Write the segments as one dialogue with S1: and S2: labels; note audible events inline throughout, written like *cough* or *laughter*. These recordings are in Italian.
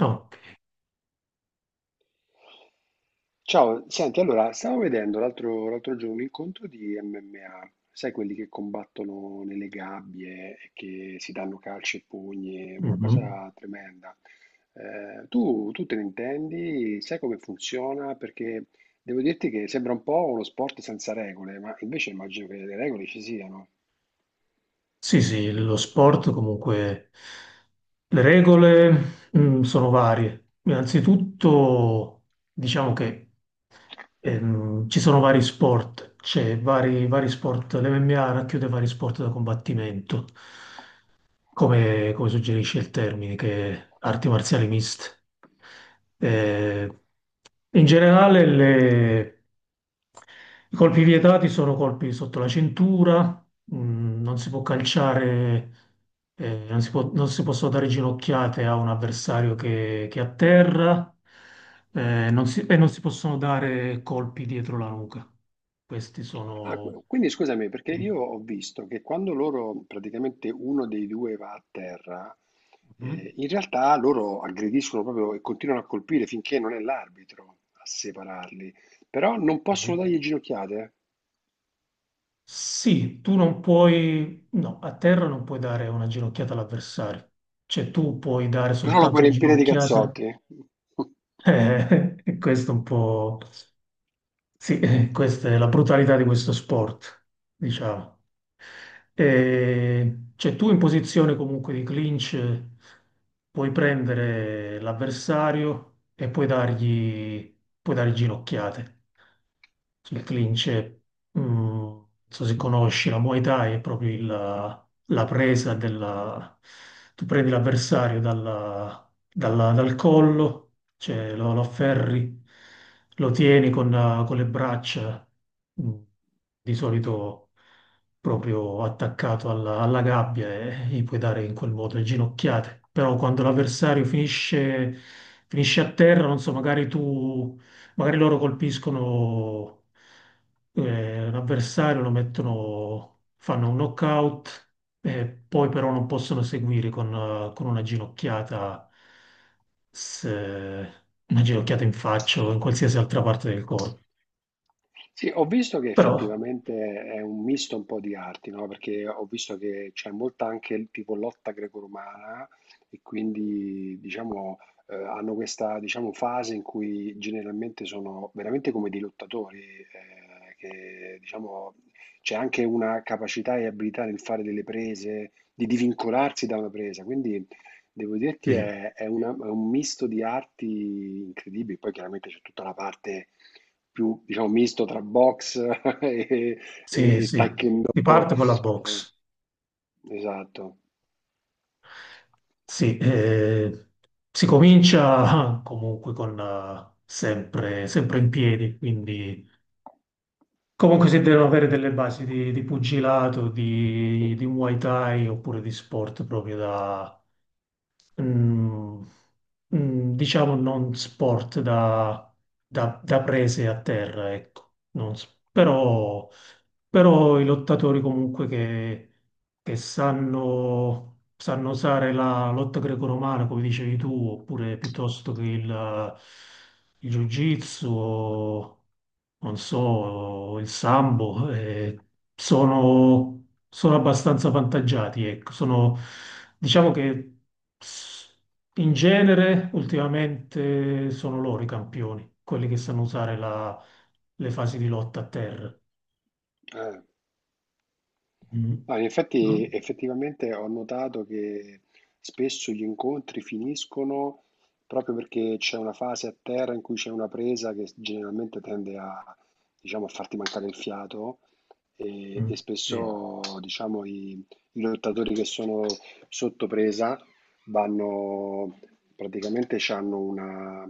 S1: No.
S2: Ciao, senti, allora, stavo vedendo l'altro giorno un incontro di MMA, sai quelli che combattono nelle gabbie e che si danno calci e pugni, una
S1: Mhm.
S2: cosa tremenda. Tu te ne intendi? Sai come funziona? Perché devo dirti che sembra un po' uno sport senza regole, ma invece immagino che le regole ci siano.
S1: Sì, sì, lo sport comunque, le regole, sono varie. Innanzitutto, diciamo che ci sono vari sport, c'è vari sport, l'MMA racchiude vari sport da combattimento, come suggerisce il termine, che è arti marziali miste. Eh, In generale, i colpi vietati sono colpi sotto la cintura, non si può calciare, non si possono dare ginocchiate a un avversario che atterra, non si- e non si possono dare colpi dietro la nuca. Questi
S2: Ah,
S1: sono.
S2: quindi scusami, perché
S1: Mm.
S2: io ho visto che quando loro, praticamente uno dei due va a terra,
S1: Mhm.
S2: in realtà loro aggrediscono proprio e continuano a colpire finché non è l'arbitro a separarli, però non possono
S1: Sì,
S2: dargli ginocchiate, eh?
S1: sì, tu non puoi. No, a terra non puoi dare una ginocchiata all'avversario. Cioè tu puoi dare
S2: Però lo puoi
S1: soltanto una
S2: riempire di
S1: ginocchiata.
S2: cazzotti. *laughs*
S1: *laughs* Questo è un po'. Sì, questa è la brutalità di questo sport, diciamo. Cioè tu in posizione comunque di clinch puoi prendere l'avversario e puoi dare ginocchiate. Il clinch, è, non so se conosci, la Muay Thai è proprio la presa della. Tu prendi l'avversario dal collo cioè lo afferri, lo tieni con le braccia, mm, di solito proprio attaccato alla gabbia e gli puoi dare in quel modo le ginocchiate. Però quando l'avversario finisce, a terra, non so, magari loro colpiscono l'avversario, lo mettono, fanno un knockout e poi però non possono seguire con una ginocchiata se una ginocchiata in faccia o in qualsiasi altra parte del corpo.
S2: Sì, ho visto che
S1: Però
S2: effettivamente è un misto un po' di arti, no? Perché ho visto che c'è molta anche il tipo lotta greco-romana e quindi diciamo hanno questa diciamo, fase in cui generalmente sono veramente come dei lottatori, che diciamo c'è anche una capacità e abilità nel fare delle prese, di divincolarsi da una presa. Quindi devo dirti
S1: sì,
S2: è una- è un misto di arti incredibili, poi chiaramente c'è tutta la parte più, diciamo, misto tra box *laughs* e,
S1: sì,
S2: e
S1: sì,
S2: taekwondo.
S1: si parte con la
S2: Eh,
S1: box.
S2: Esatto.
S1: Sì, si comincia *laughs* ah, comunque sempre, sempre in piedi, quindi comunque si devono avere delle basi di pugilato, di Muay Thai oppure di sport proprio da mm, diciamo non sport da prese a terra, ecco. Non s- però, però i lottatori comunque che sanno usare la lotta greco-romana, come dicevi tu, oppure piuttosto che il jiu-jitsu non so, il sambo, sono abbastanza vantaggiati, ecco. Diciamo che s- in genere ultimamente sono loro i campioni, quelli che sanno usare le fasi di lotta a terra.
S2: Eh.
S1: Mm.
S2: No, in
S1: No?
S2: effetti, effettivamente ho notato che spesso gli incontri finiscono proprio perché c'è una fase a terra in cui c'è una presa che generalmente tende a, diciamo, a farti mancare il fiato
S1: Mm.
S2: e
S1: Sì,
S2: spesso, diciamo, i lottatori che sono sotto presa vanno, praticamente hanno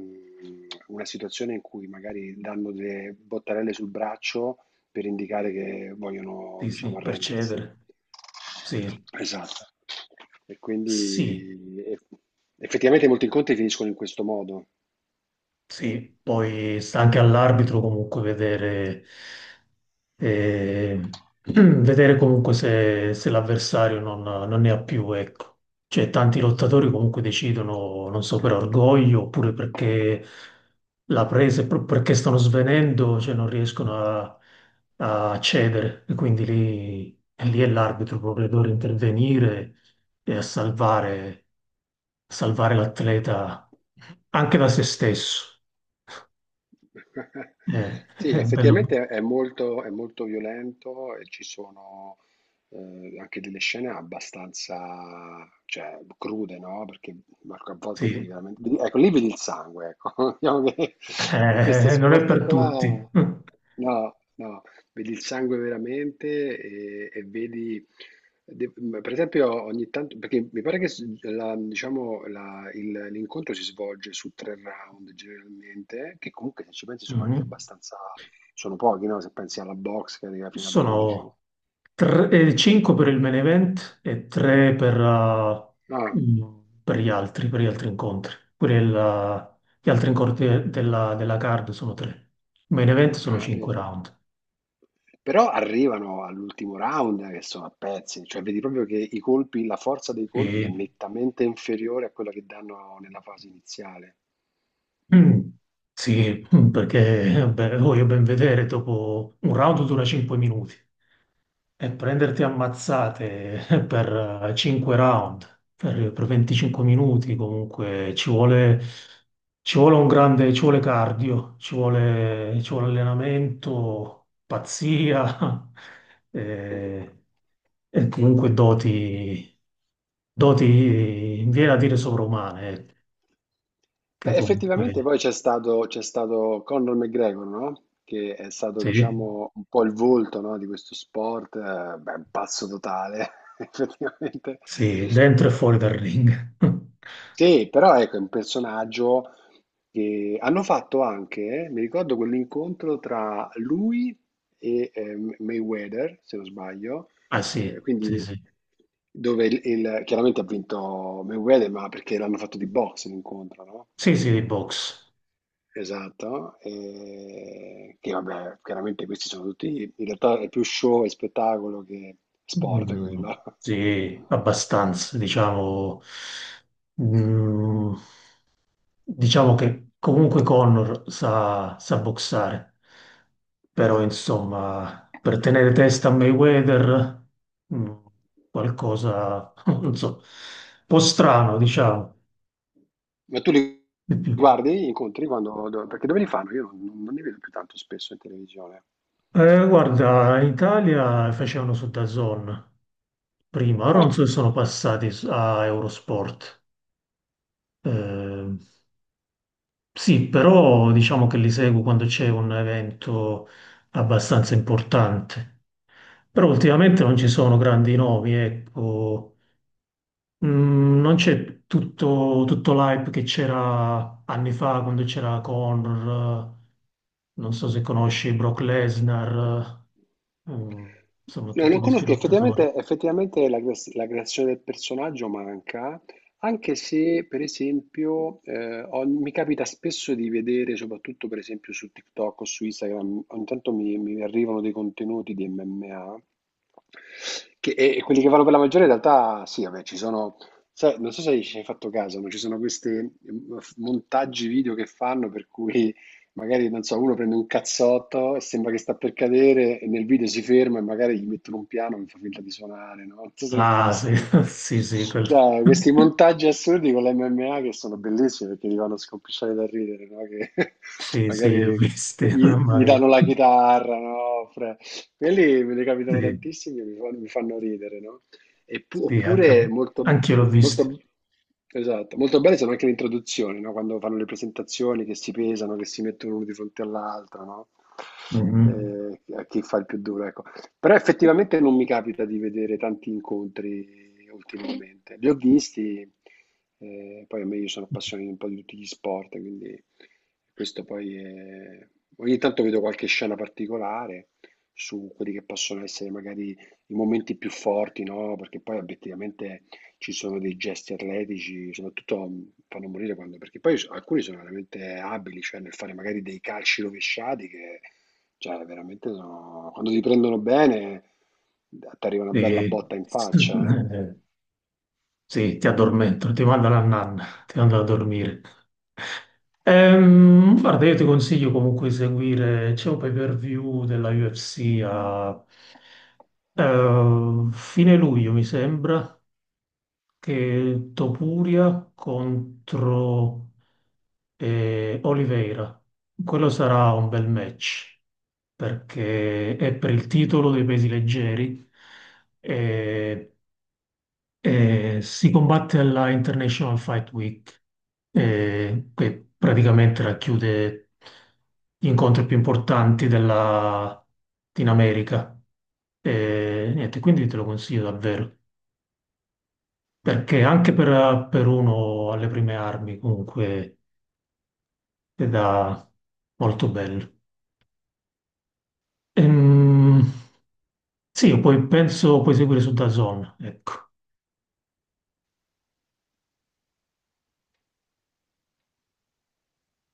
S2: una situazione in cui magari danno delle bottarelle sul braccio per indicare che vogliono,
S1: sì,
S2: diciamo,
S1: sì, per
S2: arrendersi.
S1: cedere. Sì,
S2: Esatto. E
S1: sì,
S2: quindi effettivamente molti incontri finiscono in questo modo.
S1: sì, poi sta anche all'arbitro comunque vedere, eh, *clears throat* vedere comunque se l'avversario non ne ha più, ecco. Cioè, tanti lottatori comunque decidono, non so, per orgoglio oppure perché la presa, perché stanno svenendo, cioè non riescono a cedere. E quindi lì è l'arbitro proprio che deve intervenire e a salvare l'atleta anche da se stesso.
S2: *laughs*
S1: Eh,
S2: Sì,
S1: è bello,
S2: effettivamente è molto violento e ci sono anche delle scene abbastanza, cioè, crude, no? Perché Marco, a volte
S1: sì.
S2: vedi veramente... vedi- ecco, lì vedi il sangue, ecco. *laughs* Diciamo che in questo
S1: Non è
S2: sport
S1: per tutti.
S2: qua...
S1: *laughs*
S2: No, no. Vedi il sangue veramente e vedi, de- per esempio, ogni tanto, perché mi pare che s- la- diciamo, la- il- l'incontro si svolge su tre round generalmente, che comunque se ci pensi sono anche
S1: Mhm.
S2: abbastanza, sono pochi, no? Se pensi alla box che arriva fino a 12.
S1: Sono 5 per il main event e 3 per,
S2: Ah,
S1: per gli altri incontri. Pure gli altri incontri della card sono 3. Main event sono
S2: ah,
S1: 5
S2: vedi.
S1: round.
S2: Però arrivano all'ultimo round che sono a pezzi, cioè vedi proprio che i colpi, la forza dei colpi
S1: Sì.
S2: è nettamente inferiore a quella che danno nella fase iniziale.
S1: Mm, sì, perché beh, voglio ben vedere dopo un round dura 5 minuti e prenderti ammazzate *laughs* per 5 round, per 25 minuti comunque ci vuole un grande, ci vuole cardio, ci vuole allenamento, pazzia *laughs* eh, e comunque doti, viene a dire sovrumane,
S2: Beh,
S1: che comunque
S2: effettivamente poi c'è stato Conor McGregor, no? Che è stato,
S1: sì.
S2: diciamo, un po' il volto, no, di questo sport, beh, un pazzo totale, *laughs* effettivamente.
S1: Sì, dentro e
S2: E-
S1: fuori dal
S2: e-
S1: ring. *laughs*
S2: sì, però ecco, è un personaggio che hanno fatto anche, mi ricordo quell'incontro tra lui e Mayweather, se non sbaglio,
S1: Ah sì, sì,
S2: quindi
S1: sì.
S2: dove chiaramente ha vinto Mayweather, ma perché l'hanno fatto di boxe l'incontro, no?
S1: Sì, sì, di box.
S2: Esatto, e che vabbè, chiaramente questi sono tutti, in realtà è più show e spettacolo che sport
S1: Mm,
S2: quello. *laughs*
S1: sì, abbastanza, diciamo. Mm, diciamo che comunque Connor sa boxare, però insomma, per tenere testa a Mayweather, mm, qualcosa, *laughs* non so, un po' strano, diciamo.
S2: Ma tu li
S1: Di più.
S2: guardi gli incontri quando do perché dove li fanno? Io non li vedo più tanto spesso in televisione.
S1: Guarda, in Italia facevano su DAZN. Prima, ora non
S2: Ah.
S1: so se sono passati a Eurosport. Eh, sì, però diciamo che li seguo quando c'è un evento abbastanza importante. Però ultimamente non ci sono grandi nomi, ecco. Non c'è tutto, l'hype che c'era anni fa quando c'era Conor, non so se conosci Brock Lesnar, eh, mm, insomma
S2: No,
S1: tutti
S2: non
S1: questi
S2: conosco,
S1: lottatori.
S2: effettivamente, effettivamente la, la creazione del personaggio manca, anche se per esempio mi capita spesso di vedere, soprattutto per esempio su TikTok o su Instagram, ogni tanto mi arrivano dei contenuti di MMA, che, e quelli che vanno per la maggiore in realtà sì, vabbè, ci sono, sai, non so se ci hai fatto caso, ma ci sono questi montaggi video che fanno per cui magari non so, uno prende un cazzotto e sembra che sta per cadere e nel video si ferma e magari gli mettono un piano e mi fa finta di suonare, no? Non so se ne hai mai
S1: Ah, sì,
S2: visti.
S1: *laughs* sì, sì, quello.
S2: Chiaro, questi montaggi assurdi con l'MMA che sono bellissimi perché ti fanno scompisciare da ridere, no? Che *laughs*
S1: Sì, sì, l'ho
S2: magari
S1: viste, *laughs* mamma
S2: gli
S1: mia.
S2: danno la chitarra, no? Quelli me ne
S1: Sì,
S2: capitano tantissimi e mi fanno ridere, no?
S1: sì,
S2: Oppure molto,
S1: anche io l'ho viste.
S2: molto, esatto, molto belle sono anche le introduzioni, no? Quando fanno le presentazioni che si pesano, che si mettono uno di fronte all'altro, no?
S1: Mhm.
S2: A chi fa il più duro, ecco. Però effettivamente non mi capita di vedere tanti incontri ultimamente. Li ho visti, poi a me io sono appassionato un po' di tutti gli sport, quindi questo poi è... Ogni tanto vedo qualche scena particolare su quelli che possono essere magari i momenti più forti, no, perché poi obiettivamente ci sono dei gesti atletici, soprattutto fanno morire quando, perché poi s- alcuni sono veramente abili, cioè nel fare magari dei calci rovesciati che, cioè, veramente sono, quando ti prendono bene, ti arriva una bella
S1: Sì.
S2: botta in faccia, eh.
S1: *laughs* Sì, ti addormento, ti mando alla nanna, ti mando a dormire. Guarda, io ti consiglio comunque di seguire, c'è un pay-per-view della UFC a fine luglio, mi sembra, che Topuria contro e Oliveira. Quello sarà un bel match perché è per il titolo dei pesi leggeri e, e si combatte alla International Fight Week, che praticamente racchiude gli incontri più importanti in America. E niente, quindi te lo consiglio davvero. Perché anche per uno alle prime armi, comunque, è da molto bello. Ehm, sì, o poi penso puoi seguire su DAZN, ecco.